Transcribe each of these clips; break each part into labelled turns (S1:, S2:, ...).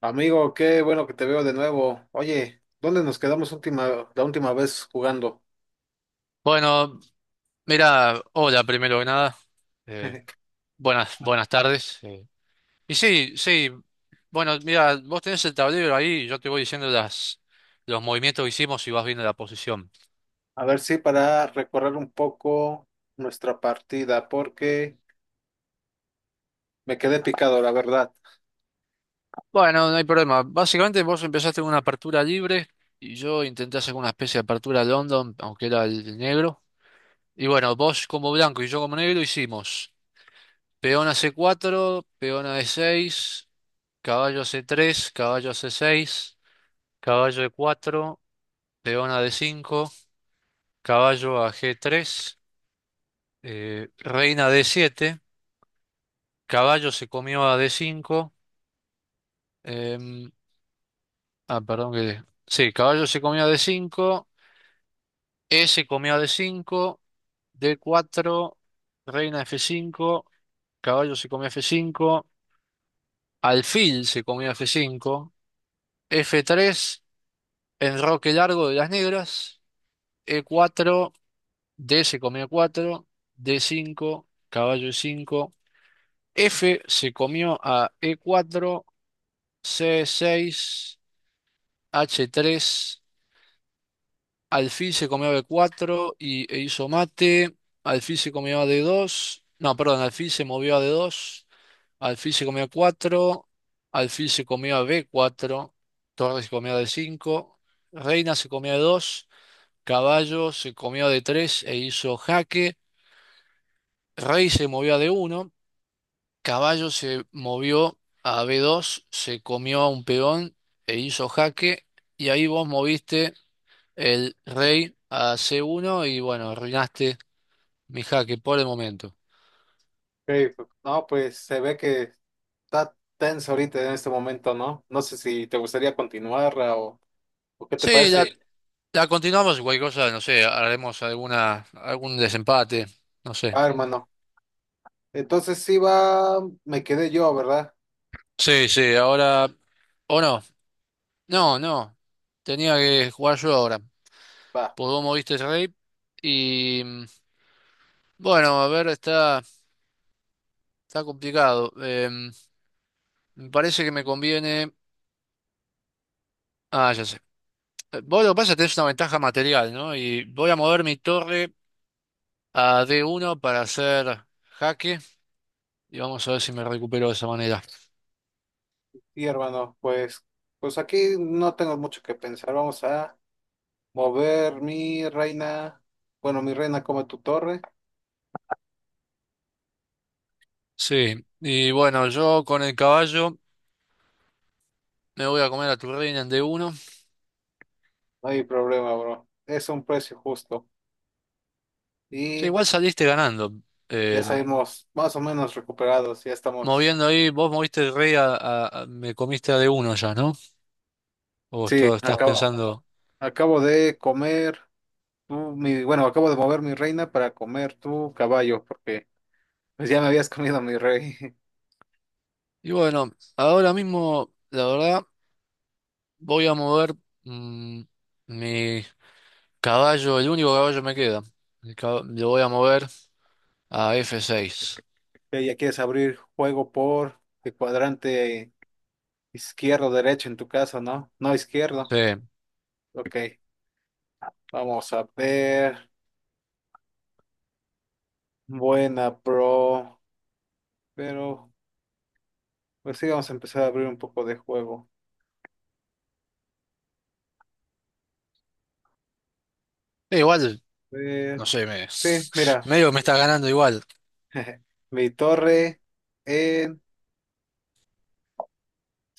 S1: Amigo, qué bueno que te veo de nuevo. Oye, ¿dónde nos quedamos la última vez jugando?
S2: Bueno, mira, hola primero que nada. Eh, buenas tardes. Y sí, sí, bueno, mira, vos tenés el tablero ahí, yo te voy diciendo los movimientos que hicimos y vas viendo la posición.
S1: A ver si para recorrer un poco nuestra partida, porque me quedé picado, la verdad.
S2: Bueno, no hay problema. Básicamente vos empezaste con una apertura libre y yo intenté hacer una especie de apertura London, aunque era el negro. Y bueno, vos como blanco y yo como negro hicimos peón a c cuatro, peón a e seis, caballo a c tres, caballo a c seis, caballo e cuatro. León a D5, caballo a G3, reina a D7, caballo se comió a D5, em, ah, perdón que. Sí, caballo se comió a D5, E se comió a D5, D4, reina F5, caballo se comió a F5, alfil se comió a F5, F3, enroque largo de las negras, E4, D se comió a 4, D5, caballo E5. F se comió a E4, C6, H3, alfil se comió a B4 e hizo mate, alfil se comió a D2, no, perdón, alfil se movió a D2, alfil se comió a 4, alfil se comió a B4, torre se comió a D5, reina se comió a D2, caballo se comió a D3 e hizo jaque, rey se movió a D1, caballo se movió a B2, se comió a un peón e hizo jaque. Y ahí vos moviste el rey a C1 y bueno, arruinaste mi jaque por el momento.
S1: Ok, pues, no, pues se ve que está tenso ahorita en este momento, ¿no? No sé si te gustaría continuar o qué te
S2: Sí,
S1: parece. Sí.
S2: la continuamos, y cualquier cosa, no sé, haremos algún desempate, no sé.
S1: Va, hermano. Entonces sí va, me quedé yo, ¿verdad?
S2: Sí, sí, ahora. O no, no, no. Tenía que jugar yo ahora.
S1: Va.
S2: Pues vos moviste el rey y... mm, bueno, a ver, está complicado. Me parece que me conviene. Ah, ya sé. Vos, lo que pasa es que tenés una ventaja material, ¿no? Y voy a mover mi torre a D1 para hacer jaque. Y vamos a ver si me recupero de esa manera.
S1: Sí, hermano, pues, pues aquí no tengo mucho que pensar. Vamos a mover mi reina, bueno, mi reina come tu torre,
S2: Sí. Y bueno, yo con el caballo me voy a comer a tu reina en D1.
S1: no hay problema, bro. Es un precio justo
S2: Sí,
S1: y
S2: igual saliste ganando.
S1: ya
S2: Eh,
S1: salimos más o menos recuperados, ya estamos.
S2: moviendo ahí, vos moviste el rey a, me comiste a D1 ya, ¿no? O
S1: Sí,
S2: estás pensando.
S1: acabo de comer acabo de mover mi reina para comer tu caballo, porque pues ya me habías comido mi rey.
S2: Y bueno, ahora mismo, la verdad, voy a mover, mm, mi caballo, el único caballo me queda. El cab- lo voy a mover a F6.
S1: Ya quieres abrir juego por el cuadrante izquierdo, derecho en tu caso, ¿no? No izquierdo.
S2: Sí. Eh,
S1: Ok, vamos a ver. Buena, bro. Pero pues sí, vamos a empezar a abrir un poco de juego.
S2: igual,
S1: Eh,
S2: no sé, me,
S1: sí, mira,
S2: medio me está ganando igual.
S1: mi torre en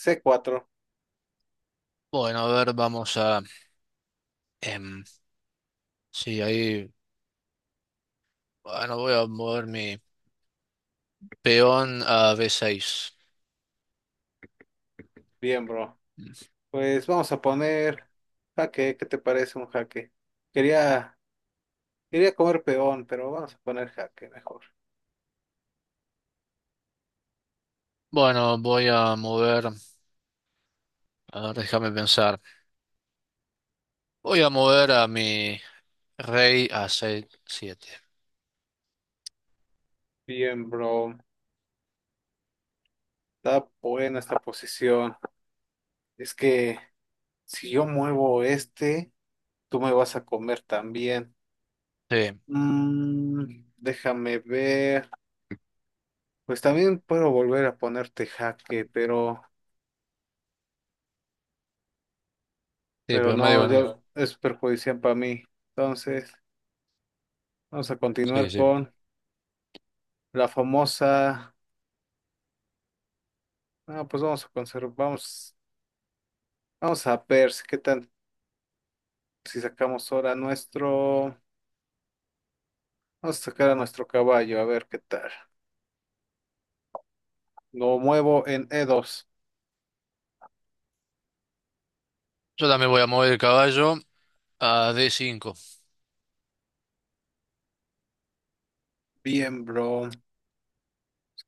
S1: c cuatro.
S2: Bueno, a ver, vamos a, em, sí, ahí, bueno, voy a mover mi peón a B6.
S1: Bien, bro. Pues vamos a poner jaque. ¿Qué te parece un jaque? Quería, quería comer peón, pero vamos a poner jaque mejor.
S2: Bueno, voy a mover, a ver, déjame pensar. Voy a mover a mi rey a C7.
S1: Bien, bro. Está buena esta posición. Es que si yo muevo este, tú me vas a comer también.
S2: Sí,
S1: Mm, déjame ver. Pues también puedo volver a ponerte jaque,
S2: sí,
S1: pero
S2: pero medio.
S1: no,
S2: Que no-
S1: ya es perjudicial para mí. Entonces, vamos a
S2: Sí,
S1: continuar
S2: sí.
S1: con la famosa. Ah, pues vamos a vamos a ver si qué tal si sacamos ahora nuestro. Vamos a sacar a nuestro caballo, a ver qué tal. Lo muevo en e dos.
S2: Yo también voy a mover el caballo a D5.
S1: Bien, bro.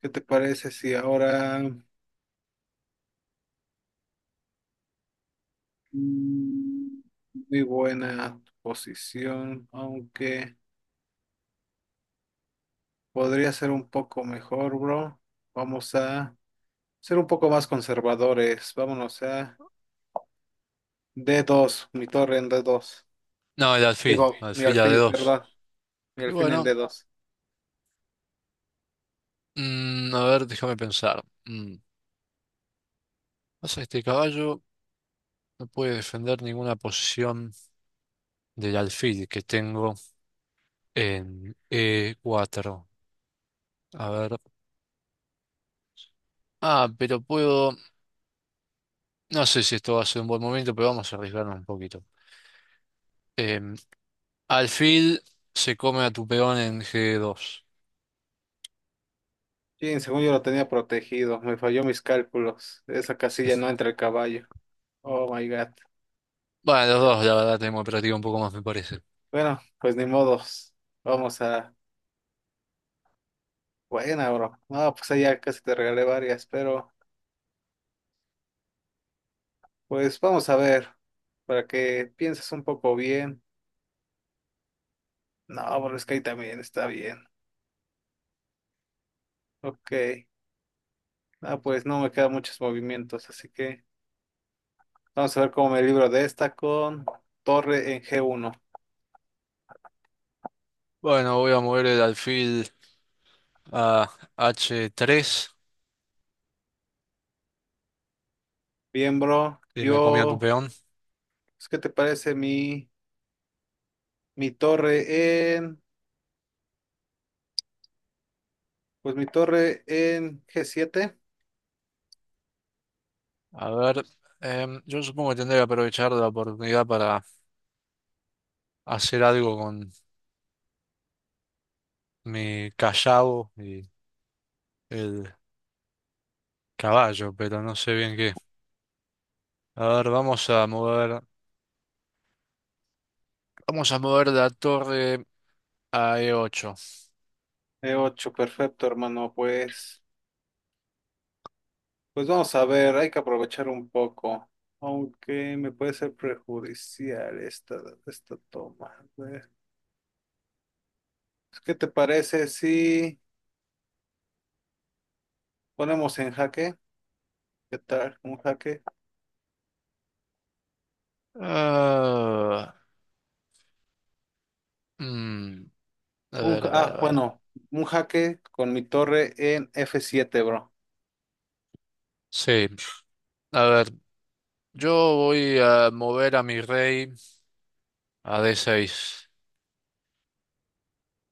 S1: ¿Qué te parece si ahora mm, muy buena posición, aunque podría ser un poco mejor, bro. Vamos a ser un poco más conservadores. Vámonos a d dos. Mi torre en d dos.
S2: No,
S1: Digo, mi
S2: alfil a de
S1: alfil,
S2: dos.
S1: perdón. Mi
S2: Y
S1: alfil en
S2: bueno,
S1: d dos.
S2: a ver, déjame pensar. Pasa que este caballo no puede defender ninguna posición del alfil que tengo en e cuatro. A ver. Ah, pero puedo. No sé si esto va a ser un buen momento, pero vamos a arriesgarnos un poquito. Em, alfil se come a tu peón en g dos.
S1: Sí, según yo lo tenía protegido. Me falló mis cálculos. Esa casilla no entra el caballo. Oh my God.
S2: Bueno, los dos, la verdad, tenemos práctica un poco más, me parece.
S1: Bueno, pues ni modos. Vamos a. Buena, bro. No, pues allá casi te regalé varias, pero pues vamos a ver. Para que pienses un poco bien. No, bro, es que ahí también está bien. Ok. Ah, pues no me quedan muchos movimientos, así que vamos a ver cómo me libro de esta con torre en g uno.
S2: Bueno, voy a mover el alfil a h tres
S1: Bien, bro.
S2: y me comí a tu
S1: Yo,
S2: peón.
S1: pues, ¿qué te parece mi torre pues mi torre en g siete.
S2: A ver, yo supongo que tendré que aprovechar la oportunidad para hacer algo con mi callao y el caballo, pero no sé bien qué. A ver, vamos a mover la torre a E8.
S1: E ocho perfecto, hermano. Pues, pues vamos a ver, hay que aprovechar un poco, aunque me puede ser prejudicial esta toma. A ver, pues, ¿qué te parece si ponemos en jaque? ¿Qué tal? Un jaque.
S2: Ah, mm, a ver, a ver, a ver.
S1: Bueno, un jaque con mi torre en F7, bro.
S2: Sí, a ver, yo voy a mover a mi rey a D6.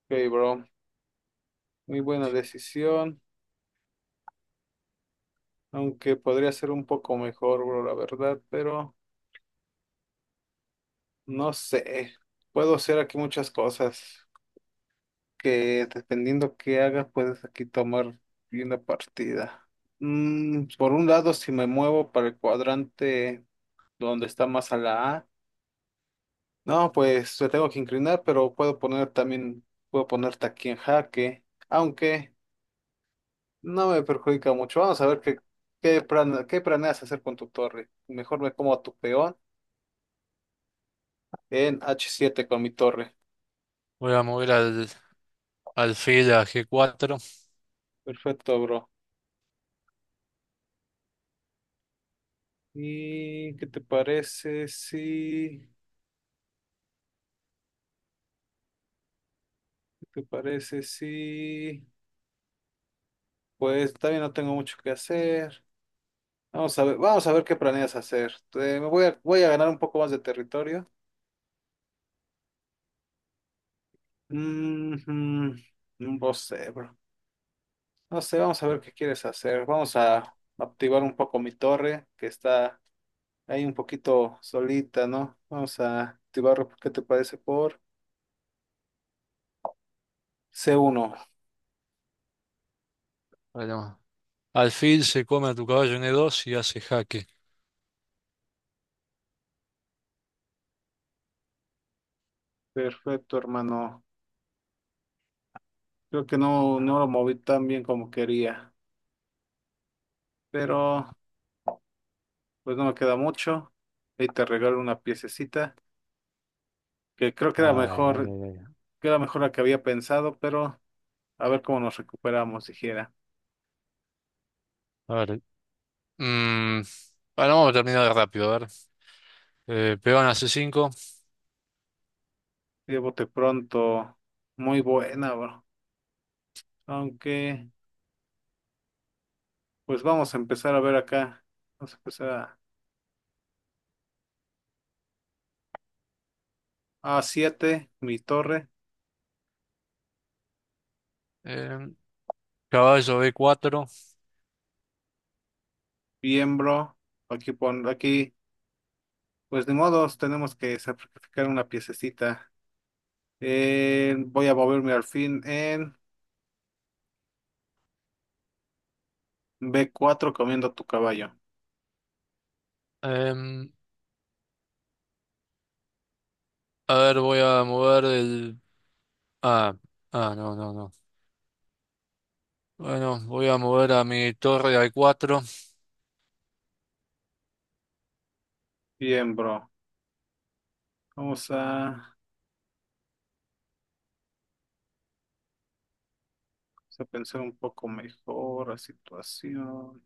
S1: Ok, bro. Muy buena decisión, aunque podría ser un poco mejor, bro, la verdad, pero no sé. Puedo hacer aquí muchas cosas que dependiendo qué haga, puedes aquí tomar una partida. Mm, por un lado, si me muevo para el cuadrante donde está más a la A, no, pues me tengo que inclinar, pero puedo poner también, puedo ponerte aquí en jaque, aunque... No me perjudica mucho. Vamos a ver qué planeas hacer con tu torre. Mejor me como a tu peón en H7 con mi torre.
S2: Voy a mover al alfil a G4.
S1: Perfecto, bro. ¿Y qué te parece si... ¿Qué te parece si... Pues también no tengo mucho que hacer. Vamos a ver qué planeas hacer. Me voy a, voy a ganar un poco más de territorio. Mm, mm, no sé, bro. No sé, vamos a ver qué quieres hacer. Vamos a activar un poco mi torre que está... ahí un poquito solita, ¿no? Vamos a activarlo, ¿qué te parece? Por C1.
S2: Bueno, alfil se come a tu caballo en E2 y hace jaque.
S1: Perfecto, hermano. Creo que no lo moví tan bien como quería, pero pues no me queda mucho. Ahí te regalo una piececita, que creo
S2: Ay, ay, ay, ay.
S1: que era mejor la que había pensado, pero a ver cómo nos recuperamos, dijera.
S2: A ver. mm, bueno, vamos a terminar de rápido. A ver. Peón a C5.
S1: Llévote pronto. Muy buena, bro. Aunque, pues vamos a empezar a ver acá. Vamos a empezar a A7, mi torre.
S2: em, caballo b cuatro.
S1: Bien, bro. Aquí pon, aquí, pues de modos, tenemos que sacrificar una piececita. Voy a moverme al fin en b cuatro comiendo tu caballo.
S2: em, a ver, voy a mover el. Ah, ah, no, no, no. Bueno, voy a mover a mi torre a cuatro.
S1: Bien, bro. Vamos a pensar un poco mejor la situación.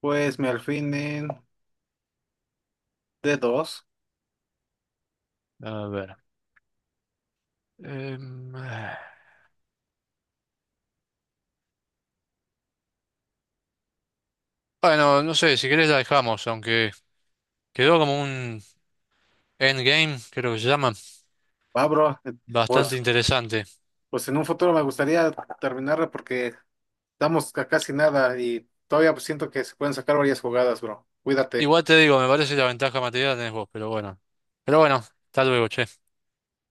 S1: Pues me alfil en d dos.
S2: A ver. Ah. bueno, no sé, si querés la dejamos, aunque quedó como un endgame, creo que se llama.
S1: Va, bro.
S2: Bastante
S1: Pues,
S2: interesante.
S1: pues en un futuro me gustaría terminarla porque estamos a casi nada y todavía siento que se pueden sacar varias jugadas, bro. Cuídate.
S2: Igual te digo, me parece la ventaja material tenés vos, pero bueno. Pero bueno, hasta luego, che.